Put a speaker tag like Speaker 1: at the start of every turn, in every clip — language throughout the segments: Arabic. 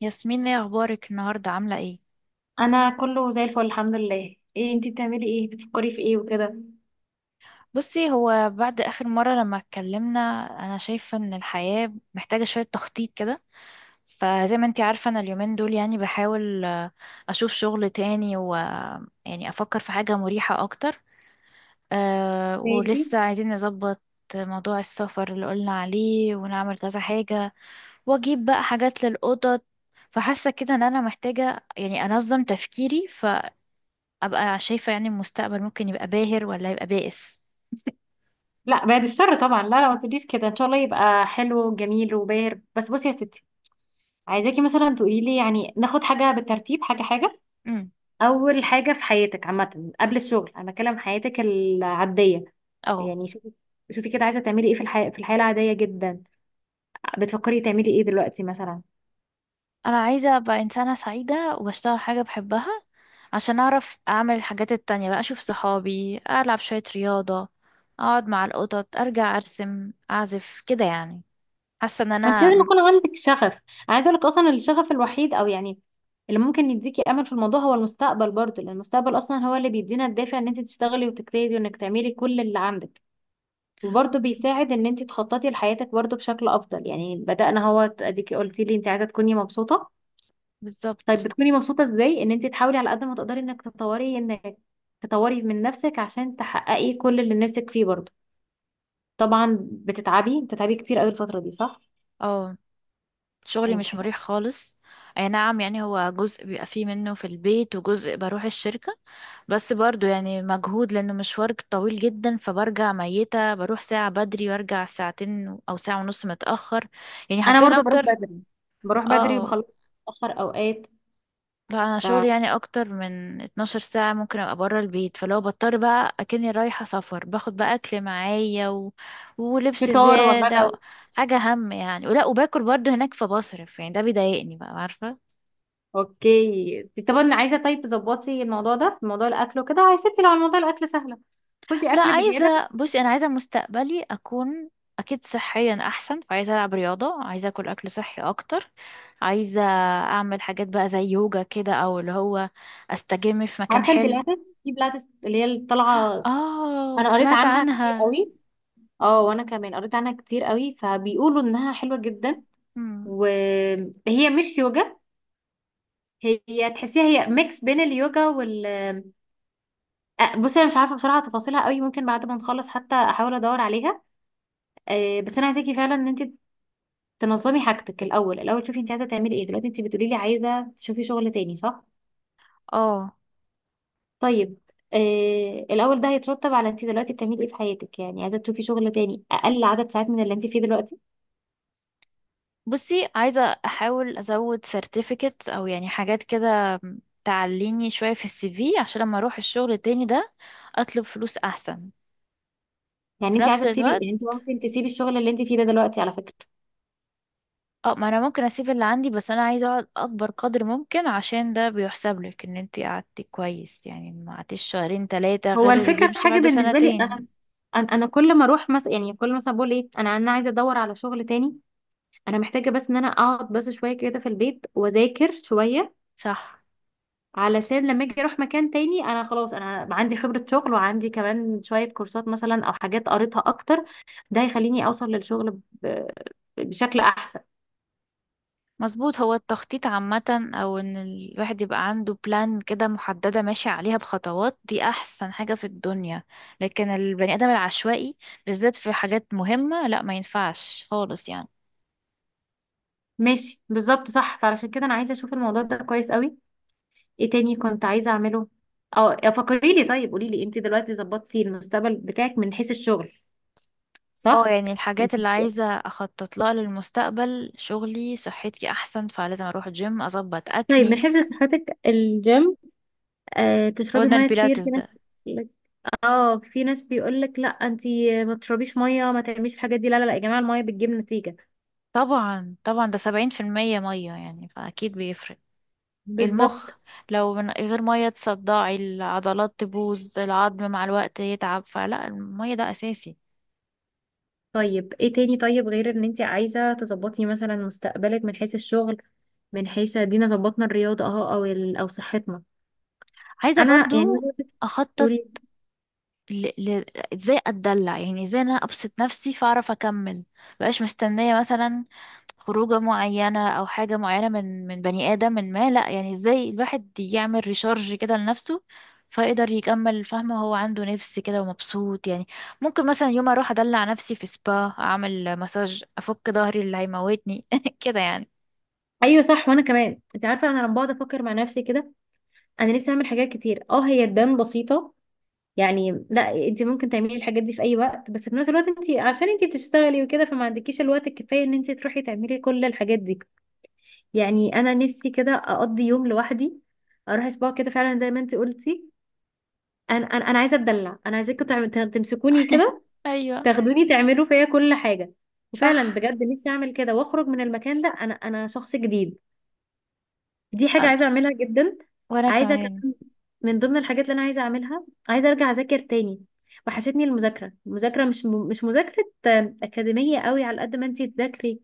Speaker 1: ياسمين، ايه اخبارك النهارده؟ عامله ايه؟
Speaker 2: انا كله زي الفل الحمد لله. ايه انتي بتعملي ايه؟ بتفكري في ايه وكده؟
Speaker 1: بصي، هو بعد اخر مره لما اتكلمنا انا شايفه ان الحياه محتاجه شويه تخطيط كده. فزي ما انتي عارفه انا اليومين دول يعني بحاول اشوف شغل تاني، و يعني افكر في حاجه مريحه اكتر. أه،
Speaker 2: ماشي.
Speaker 1: ولسه عايزين نظبط موضوع السفر اللي قلنا عليه ونعمل كذا حاجه، واجيب بقى حاجات للاوضه. فحاسه كده ان انا محتاجه يعني انظم تفكيري، ابقى شايفة يعني المستقبل ممكن يبقى باهر ولا يبقى بائس.
Speaker 2: لا، بعد الشر طبعا. لا لا، ما تقوليش كده. ان شاء الله يبقى حلو وجميل وباهر. بس بصي يا ستي، عايزاكي مثلا تقولي لي يعني ناخد حاجه بالترتيب، حاجه حاجه.
Speaker 1: امم
Speaker 2: اول حاجه في حياتك عامه، قبل الشغل، انا بتكلم حياتك العاديه.
Speaker 1: اه،
Speaker 2: يعني شوفي، كده عايزه تعملي ايه في الحياه، في الحياه العاديه جدا؟ بتفكري تعملي ايه دلوقتي مثلا؟
Speaker 1: انا عايزة ابقى انسانة سعيدة واشتغل حاجة بحبها، عشان اعرف اعمل الحاجات التانية بقى. اشوف صحابي، العب شوية رياضة، اقعد مع القطط، ارجع ارسم اعزف كده يعني. حاسة ان
Speaker 2: ما انت
Speaker 1: انا
Speaker 2: لازم يكون عندك شغف. انا عايزه اقول لك اصلا الشغف الوحيد او يعني اللي ممكن يديكي امل في الموضوع هو المستقبل برضو، لان المستقبل اصلا هو اللي بيدينا الدافع ان انت تشتغلي وتجتهدي وانك تعملي كل اللي عندك. وبرضو بيساعد ان انت تخططي لحياتك برضو بشكل افضل. يعني بدأنا، هو اديكي قلتي لي انت عايزه تكوني مبسوطه. طيب
Speaker 1: بالظبط.
Speaker 2: بتكوني مبسوطه ازاي؟ ان انت تحاولي على قد ما تقدري انك تطوري من نفسك عشان تحققي كل اللي نفسك فيه برضو. طبعا بتتعبي، كتير قوي الفتره دي، صح؟
Speaker 1: اه، شغلي
Speaker 2: يعني
Speaker 1: مش
Speaker 2: بتحسي.
Speaker 1: مريح خالص. اي نعم، يعني هو جزء بيبقى فيه منه في البيت وجزء بروح الشركة، بس برضو يعني مجهود لأنه مشوار طويل جدا. فبرجع ميتة، بروح ساعة بدري وارجع ساعتين أو ساعة ونص متأخر، يعني
Speaker 2: انا
Speaker 1: حرفيا
Speaker 2: برضو بروح
Speaker 1: أكتر.
Speaker 2: بدري،
Speaker 1: اه،
Speaker 2: بخلص متاخر اوقات.
Speaker 1: لا أنا شغلي يعني أكتر من 12 ساعة ممكن أبقى برا البيت. فلو بضطر بقى أكني رايحة سفر، باخد بقى أكل معايا و... ولبس
Speaker 2: ففطار
Speaker 1: زيادة و...
Speaker 2: وغدا.
Speaker 1: حاجة هم يعني. ولا وباكل برضو هناك فبصرف، يعني ده بيضايقني بقى، عارفة.
Speaker 2: اوكي. طب انا عايزه، طيب تظبطي الموضوع ده، موضوع الاكل وكده يا ستي. لو على موضوع الاكل سهله، خدي
Speaker 1: لا،
Speaker 2: اكل بزياده.
Speaker 1: عايزة. بصي أنا عايزة مستقبلي أكون أكيد صحيا أحسن، فعايزة ألعب رياضة، عايزة أكل أكل صحي أكتر. عايزة أعمل حاجات بقى زي يوجا كده، أو اللي هو أستجم في مكان
Speaker 2: عارفه
Speaker 1: حلو.
Speaker 2: البلاتس؟ في بلاتس اللي هي اللي طالعه.
Speaker 1: آه،
Speaker 2: انا قريت
Speaker 1: سمعت
Speaker 2: عنها كتير
Speaker 1: عنها.
Speaker 2: قوي. اه وانا كمان قريت عنها كتير قوي، فبيقولوا انها حلوه جدا.
Speaker 1: مم.
Speaker 2: وهي مش يوجا. هي تحسيها هي ميكس بين اليوجا وال... بصي انا مش عارفه بصراحه تفاصيلها قوي. ممكن بعد ما نخلص حتى احاول ادور عليها. بس انا عايزاكي فعلا ان انت تنظمي حاجتك الاول. الاول شوفي انت عايزه تعملي ايه دلوقتي. انت بتقولي لي عايزه تشوفي شغل تاني، صح؟
Speaker 1: آه،
Speaker 2: طيب، آه، الاول ده هيترتب على انت دلوقتي بتعملي ايه في حياتك. يعني عايزه تشوفي شغل تاني اقل عدد ساعات من اللي انت فيه دلوقتي؟
Speaker 1: بصي عايزة أحاول أزود سيرتيفيكت أو يعني حاجات كده تعليني شوية في السي في، عشان لما أروح الشغل التاني ده أطلب فلوس أحسن.
Speaker 2: يعني
Speaker 1: في
Speaker 2: انت
Speaker 1: نفس
Speaker 2: عايزه تسيبي،
Speaker 1: الوقت
Speaker 2: يعني انت ممكن تسيبي الشغل اللي انت فيه ده دلوقتي على فكره.
Speaker 1: اه، ما انا ممكن اسيب اللي عندي، بس انا عايزه اقعد اكبر قدر ممكن عشان ده بيحسب لك ان انت قعدتي كويس، يعني ما قعدتيش شهرين ثلاثه غير
Speaker 2: هو
Speaker 1: اللي
Speaker 2: الفكره في
Speaker 1: بيمشي
Speaker 2: حاجه
Speaker 1: بعد
Speaker 2: بالنسبه لي
Speaker 1: سنتين.
Speaker 2: انا. انا كل ما اروح مثلا، يعني كل مثلا بقول ايه، انا عايزه ادور على شغل تاني. انا محتاجه بس ان انا اقعد بس شويه كده في البيت واذاكر شويه.
Speaker 1: صح،
Speaker 2: علشان لما اجي اروح مكان تاني انا خلاص، انا عندي خبرة شغل وعندي كمان شوية كورسات مثلا او حاجات قريتها اكتر. ده هيخليني اوصل للشغل بشكل احسن.
Speaker 1: مظبوط. هو التخطيط عامه، او ان الواحد يبقى عنده بلان كده محدده ماشي عليها بخطوات، دي احسن حاجه في الدنيا. لكن البني ادم العشوائي بالذات في حاجات مهمه، لا ما ينفعش خالص يعني.
Speaker 2: ماشي بالظبط صح. فعلشان كده انا عايزة اشوف الموضوع ده كويس قوي. ايه تاني كنت عايزة اعمله؟ اه، فكري لي. طيب قولي لي، انت دلوقتي ظبطتي المستقبل بتاعك من حيث الشغل،
Speaker 1: اه،
Speaker 2: صح؟
Speaker 1: يعني
Speaker 2: انت
Speaker 1: الحاجات اللي عايزة اخطط لها للمستقبل، شغلي، صحتي احسن فلازم اروح جيم اظبط
Speaker 2: طيب من
Speaker 1: اكلي.
Speaker 2: حيث صحتك، الجيم. آه، تشربي
Speaker 1: قلنا
Speaker 2: ميه
Speaker 1: البيلاتس
Speaker 2: كتير، في ناس.
Speaker 1: ده.
Speaker 2: اه، في ناس بيقولك لا انتي ما تشربيش ميه، ما تعمليش الحاجات دي. لا لا لا يا جماعه، الميه بتجيب نتيجه.
Speaker 1: طبعا طبعا، ده 70% مية يعني، فاكيد بيفرق
Speaker 2: بالظبط.
Speaker 1: المخ. لو من غير مية تصدعي، العضلات تبوظ، العظم مع الوقت يتعب، فلا، المية ده اساسي.
Speaker 2: طيب ايه تاني؟ طيب غير ان انتي عايزه تظبطي مثلا مستقبلك من حيث الشغل، من حيث، دينا ظبطنا الرياضه اهو، او ال... او صحتنا.
Speaker 1: عايزة
Speaker 2: انا يعني
Speaker 1: برضو اخطط
Speaker 2: قولي.
Speaker 1: ل... ل... ازاي اتدلع، يعني ازاي إن انا ابسط نفسي فاعرف اكمل. مبقاش مستنية مثلا خروجة معينة أو حاجة معينة من بني آدم، من ما، لأ. يعني ازاي الواحد يعمل ريشارج كده لنفسه فيقدر يكمل، فاهمة؟ هو عنده نفس كده ومبسوط يعني. ممكن مثلا يوم أروح أدلع نفسي في سبا، أعمل مساج، أفك ظهري اللي هيموتني كده يعني.
Speaker 2: ايوه صح. وانا كمان انت عارفه انا لما بقعد افكر مع نفسي كده، انا نفسي اعمل حاجات كتير، اه هي تبان بسيطه. يعني لا، انت ممكن تعملي الحاجات دي في اي وقت، بس في نفس الوقت انت عشان انت بتشتغلي وكده، فما عندكيش الوقت الكفايه ان انت تروحي تعملي كل الحاجات دي. يعني انا نفسي كده اقضي يوم لوحدي، اروح اسبوع كده فعلا زي ما انت قلتي. انا عايزه اتدلع. انا تمسكوني كده،
Speaker 1: أيوة،
Speaker 2: تاخدوني تعملوا فيا كل حاجه.
Speaker 1: صح.
Speaker 2: وفعلا بجد نفسي اعمل كده واخرج من المكان ده انا شخص جديد. دي حاجه
Speaker 1: أنا
Speaker 2: عايزه اعملها جدا.
Speaker 1: وأنا
Speaker 2: عايزه
Speaker 1: كمان.
Speaker 2: كمان، من ضمن الحاجات اللي انا عايزه اعملها، عايزه ارجع اذاكر تاني. وحشتني المذاكره. مش مذاكره اكاديميه قوي. على قد ما انت تذاكري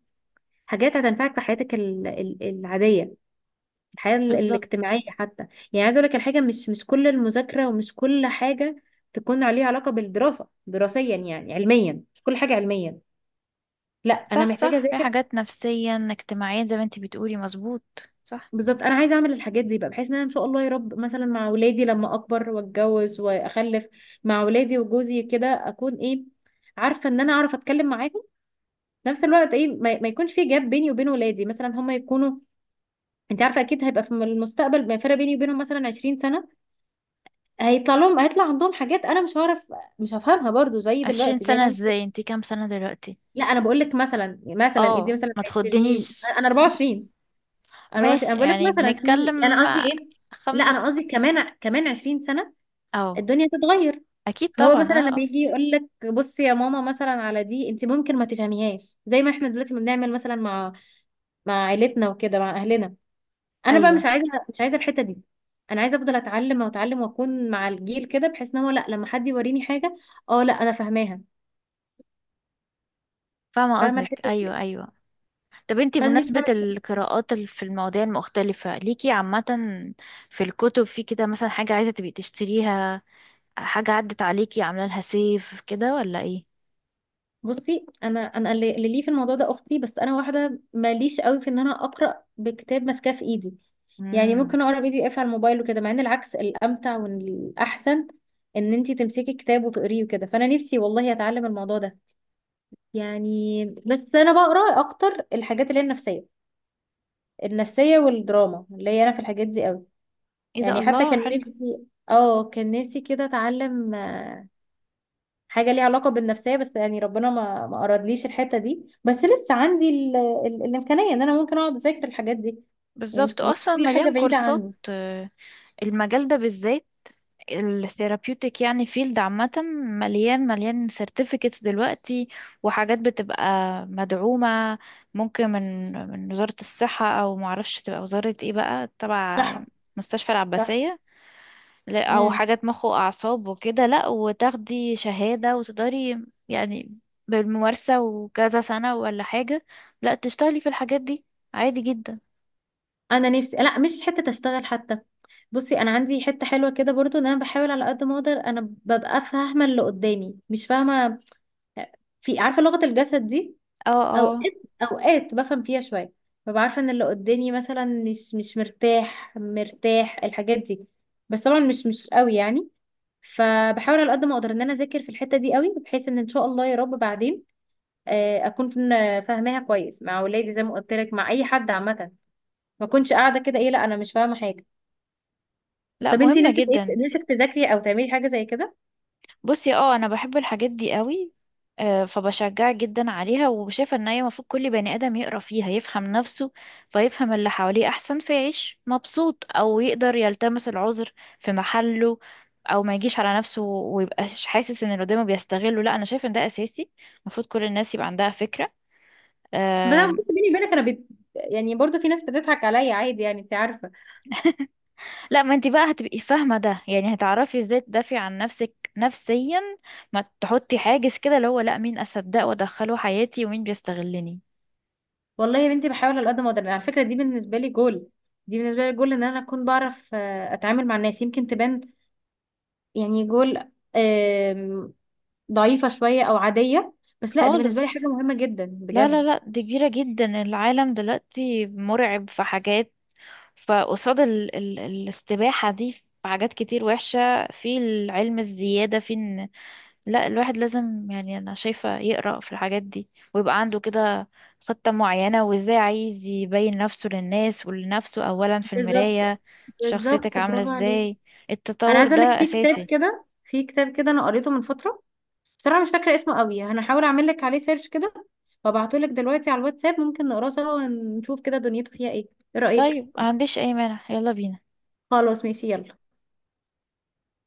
Speaker 2: حاجات هتنفعك في حياتك العاديه، الحياة
Speaker 1: بالظبط.
Speaker 2: الاجتماعية حتى. يعني عايزة اقول لك الحاجة مش كل المذاكرة، ومش كل حاجة تكون عليها علاقة بالدراسة دراسيا، يعني علميا، مش كل حاجة علميا. لا انا
Speaker 1: صح
Speaker 2: محتاجة
Speaker 1: صح، في
Speaker 2: اذاكر.
Speaker 1: حاجات نفسيا اجتماعيا زي ما انتي بتقولي، مظبوط. صح.
Speaker 2: بالظبط. انا عايزة اعمل الحاجات دي بقى بحيث ان انا ان شاء الله يا رب، مثلا مع اولادي لما اكبر واتجوز واخلف، مع اولادي وجوزي كده، اكون ايه، عارفة ان انا اعرف اتكلم معاهم. في نفس الوقت ايه، ما يكونش في جاب بيني وبين ولادي. مثلا هم يكونوا، انت عارفة اكيد هيبقى في المستقبل، ما فرق بيني وبينهم مثلا 20 سنة، هيطلع لهم، هيطلع عندهم حاجات انا مش هعرف، مش هفهمها برضو زي
Speaker 1: عشرين
Speaker 2: دلوقتي زي
Speaker 1: سنة
Speaker 2: ما انت.
Speaker 1: ازاي، انتي كام سنة دلوقتي؟
Speaker 2: لا انا بقول لك مثلا، ادي
Speaker 1: اه،
Speaker 2: مثلا
Speaker 1: ما
Speaker 2: 20.
Speaker 1: تخدنيش.
Speaker 2: انا 24. 24 انا
Speaker 1: ماشي،
Speaker 2: بقول لك
Speaker 1: يعني
Speaker 2: مثلا في، يعني
Speaker 1: بنتكلم.
Speaker 2: انا قصدي ايه. لا
Speaker 1: خم.
Speaker 2: انا قصدي كمان، 20 سنه
Speaker 1: أو
Speaker 2: الدنيا تتغير.
Speaker 1: أكيد
Speaker 2: فهو
Speaker 1: طبعا،
Speaker 2: مثلا
Speaker 1: اه
Speaker 2: لما
Speaker 1: اه.
Speaker 2: يجي يقول لك بصي يا ماما مثلا على دي انت ممكن ما تفهميهاش زي ما احنا دلوقتي ما بنعمل مثلا مع عيلتنا وكده، مع اهلنا. انا بقى
Speaker 1: أيوه،
Speaker 2: مش عايزه، الحته دي. انا عايزه افضل اتعلم واتعلم واكون مع الجيل كده بحيث ان هو لا، لما حد يوريني حاجه اه، لا انا فاهماها.
Speaker 1: فاهمة
Speaker 2: فاهمه
Speaker 1: قصدك،
Speaker 2: الحته دي.
Speaker 1: أيوه أيوه. طب انتي
Speaker 2: فانا نفسي
Speaker 1: بمناسبة
Speaker 2: اعمل.
Speaker 1: القراءات في المواضيع المختلفة ليكي عامة، في الكتب في كده، مثلا حاجة عايزة تبقي تشتريها، حاجة عدت عليكي عاملة لها سيف كده، ولا ايه؟
Speaker 2: بصي انا، اللي ليه في الموضوع ده اختي. بس انا واحده ماليش قوي في ان انا اقرا بكتاب ماسكاه في ايدي. يعني
Speaker 1: مم.
Speaker 2: ممكن اقرا بي دي اف على الموبايل وكده، مع ان العكس الامتع والاحسن ان انتي تمسكي كتاب وتقريه وكده. فانا نفسي والله اتعلم الموضوع ده. يعني بس انا بقرا اكتر الحاجات اللي هي النفسيه، النفسية والدراما اللي هي انا في الحاجات دي قوي.
Speaker 1: ايه ده،
Speaker 2: يعني حتى
Speaker 1: الله،
Speaker 2: كان
Speaker 1: حلو.
Speaker 2: نفسي، اه كان نفسي كده اتعلم حاجة ليها علاقة بالنفسية، بس يعني ربنا ما أرادليش الحتة دي. بس لسه عندي الإمكانية ان انا ممكن اقعد اذاكر الحاجات دي. يعني
Speaker 1: بالظبط،
Speaker 2: مش
Speaker 1: اصلا
Speaker 2: كل حاجة
Speaker 1: مليان
Speaker 2: بعيدة
Speaker 1: كورسات.
Speaker 2: عني.
Speaker 1: المجال ده بالذات، الثيرابيوتيك يعني، فيلد عامة مليان مليان سيرتيفيكتس دلوقتي. وحاجات بتبقى مدعومة، ممكن من وزارة الصحة، أو معرفش تبقى وزارة ايه بقى، تبع
Speaker 2: صح
Speaker 1: مستشفى
Speaker 2: صح.
Speaker 1: العباسية. لا، أو
Speaker 2: امم
Speaker 1: حاجات مخ وأعصاب وكده، لأ، وتاخدي شهادة وتقدري يعني بالممارسة وكذا سنة ولا حاجة، لأ، تشتغلي في الحاجات دي عادي جدا.
Speaker 2: انا نفسي لا، مش حتة اشتغل حتى. بصي انا عندي حتة حلوة كده برضو، ان انا بحاول على قد ما اقدر انا ببقى فاهمة اللي قدامي مش فاهمة. في، عارفة لغة الجسد دي؟
Speaker 1: اه اه.
Speaker 2: اوقات، بفهم فيها شويه. ببقى عارفه ان اللي قدامي مثلا مش مرتاح، الحاجات دي. بس طبعا مش قوي يعني. فبحاول على قد ما اقدر ان انا اذاكر في الحته دي قوي بحيث ان ان شاء الله يا رب بعدين اكون فاهماها كويس مع اولادي، زي ما قلت لك مع اي حد عامه. ما اكونش قاعده كده، ايه، لا انا مش فاهمه حاجه.
Speaker 1: لأ،
Speaker 2: طب انتي
Speaker 1: مهمة
Speaker 2: نفسك ايه؟
Speaker 1: جدا.
Speaker 2: نفسك تذاكري او تعملي حاجه زي كده؟
Speaker 1: بصي اه، انا بحب الحاجات دي قوي. فبشجعك جدا عليها، وشايفه ان هي المفروض كل بني ادم يقرا فيها، يفهم نفسه فيفهم اللي حواليه احسن، فيعيش مبسوط، او يقدر يلتمس العذر في محله، او ما يجيش على نفسه ويبقاش حاسس ان اللي قدامه بيستغله. لا، انا شايفه ان ده اساسي، المفروض كل الناس يبقى عندها فكره.
Speaker 2: بس أنا-
Speaker 1: آم.
Speaker 2: بس بيني وبينك انا بت... يعني برضه في ناس بتضحك عليا عادي، يعني انت عارفه.
Speaker 1: لا، ما انت بقى هتبقي فاهمه ده، يعني هتعرفي ازاي تدافعي عن نفسك نفسيا، ما تحطي حاجز كده اللي هو لا، مين اصدق وادخله حياتي ومين بيستغلني.
Speaker 2: والله يا بنتي، بحاول على قد ما اقدر. على فكره دي بالنسبه لي جول، ان انا اكون بعرف اتعامل مع الناس. يمكن تبان يعني جول، آم، ضعيفه شويه او عاديه، بس لا دي بالنسبه لي حاجه
Speaker 1: خالص.
Speaker 2: مهمه جدا
Speaker 1: لا لا
Speaker 2: بجد.
Speaker 1: لا، دي كبيرة جدا، العالم دلوقتي مرعب، في حاجات. فقصاد ال الاستباحة دي في حاجات كتير وحشة، في العلم الزيادة في ان، لا، الواحد لازم، يعني انا شايفة، يقرأ في الحاجات دي، ويبقى عنده كده خطة معينة، وازاي عايز يبين نفسه للناس ولنفسه اولا في
Speaker 2: بالظبط.
Speaker 1: المراية، شخصيتك عاملة
Speaker 2: برافو عليكي.
Speaker 1: ازاي.
Speaker 2: انا
Speaker 1: التطور
Speaker 2: عايزه اقول
Speaker 1: ده
Speaker 2: لك في كتاب
Speaker 1: اساسي.
Speaker 2: كده، انا قريته من فتره. بصراحه مش فاكره اسمه قوي. انا هحاول اعمل لك عليه سيرش كده وابعته لك دلوقتي على الواتساب. ممكن نقراه سوا ونشوف كده دنيته فيها ايه. ايه رايك؟
Speaker 1: طيب، ما عنديش اي مانع، يلا بينا.
Speaker 2: خلاص ماشي، يلا.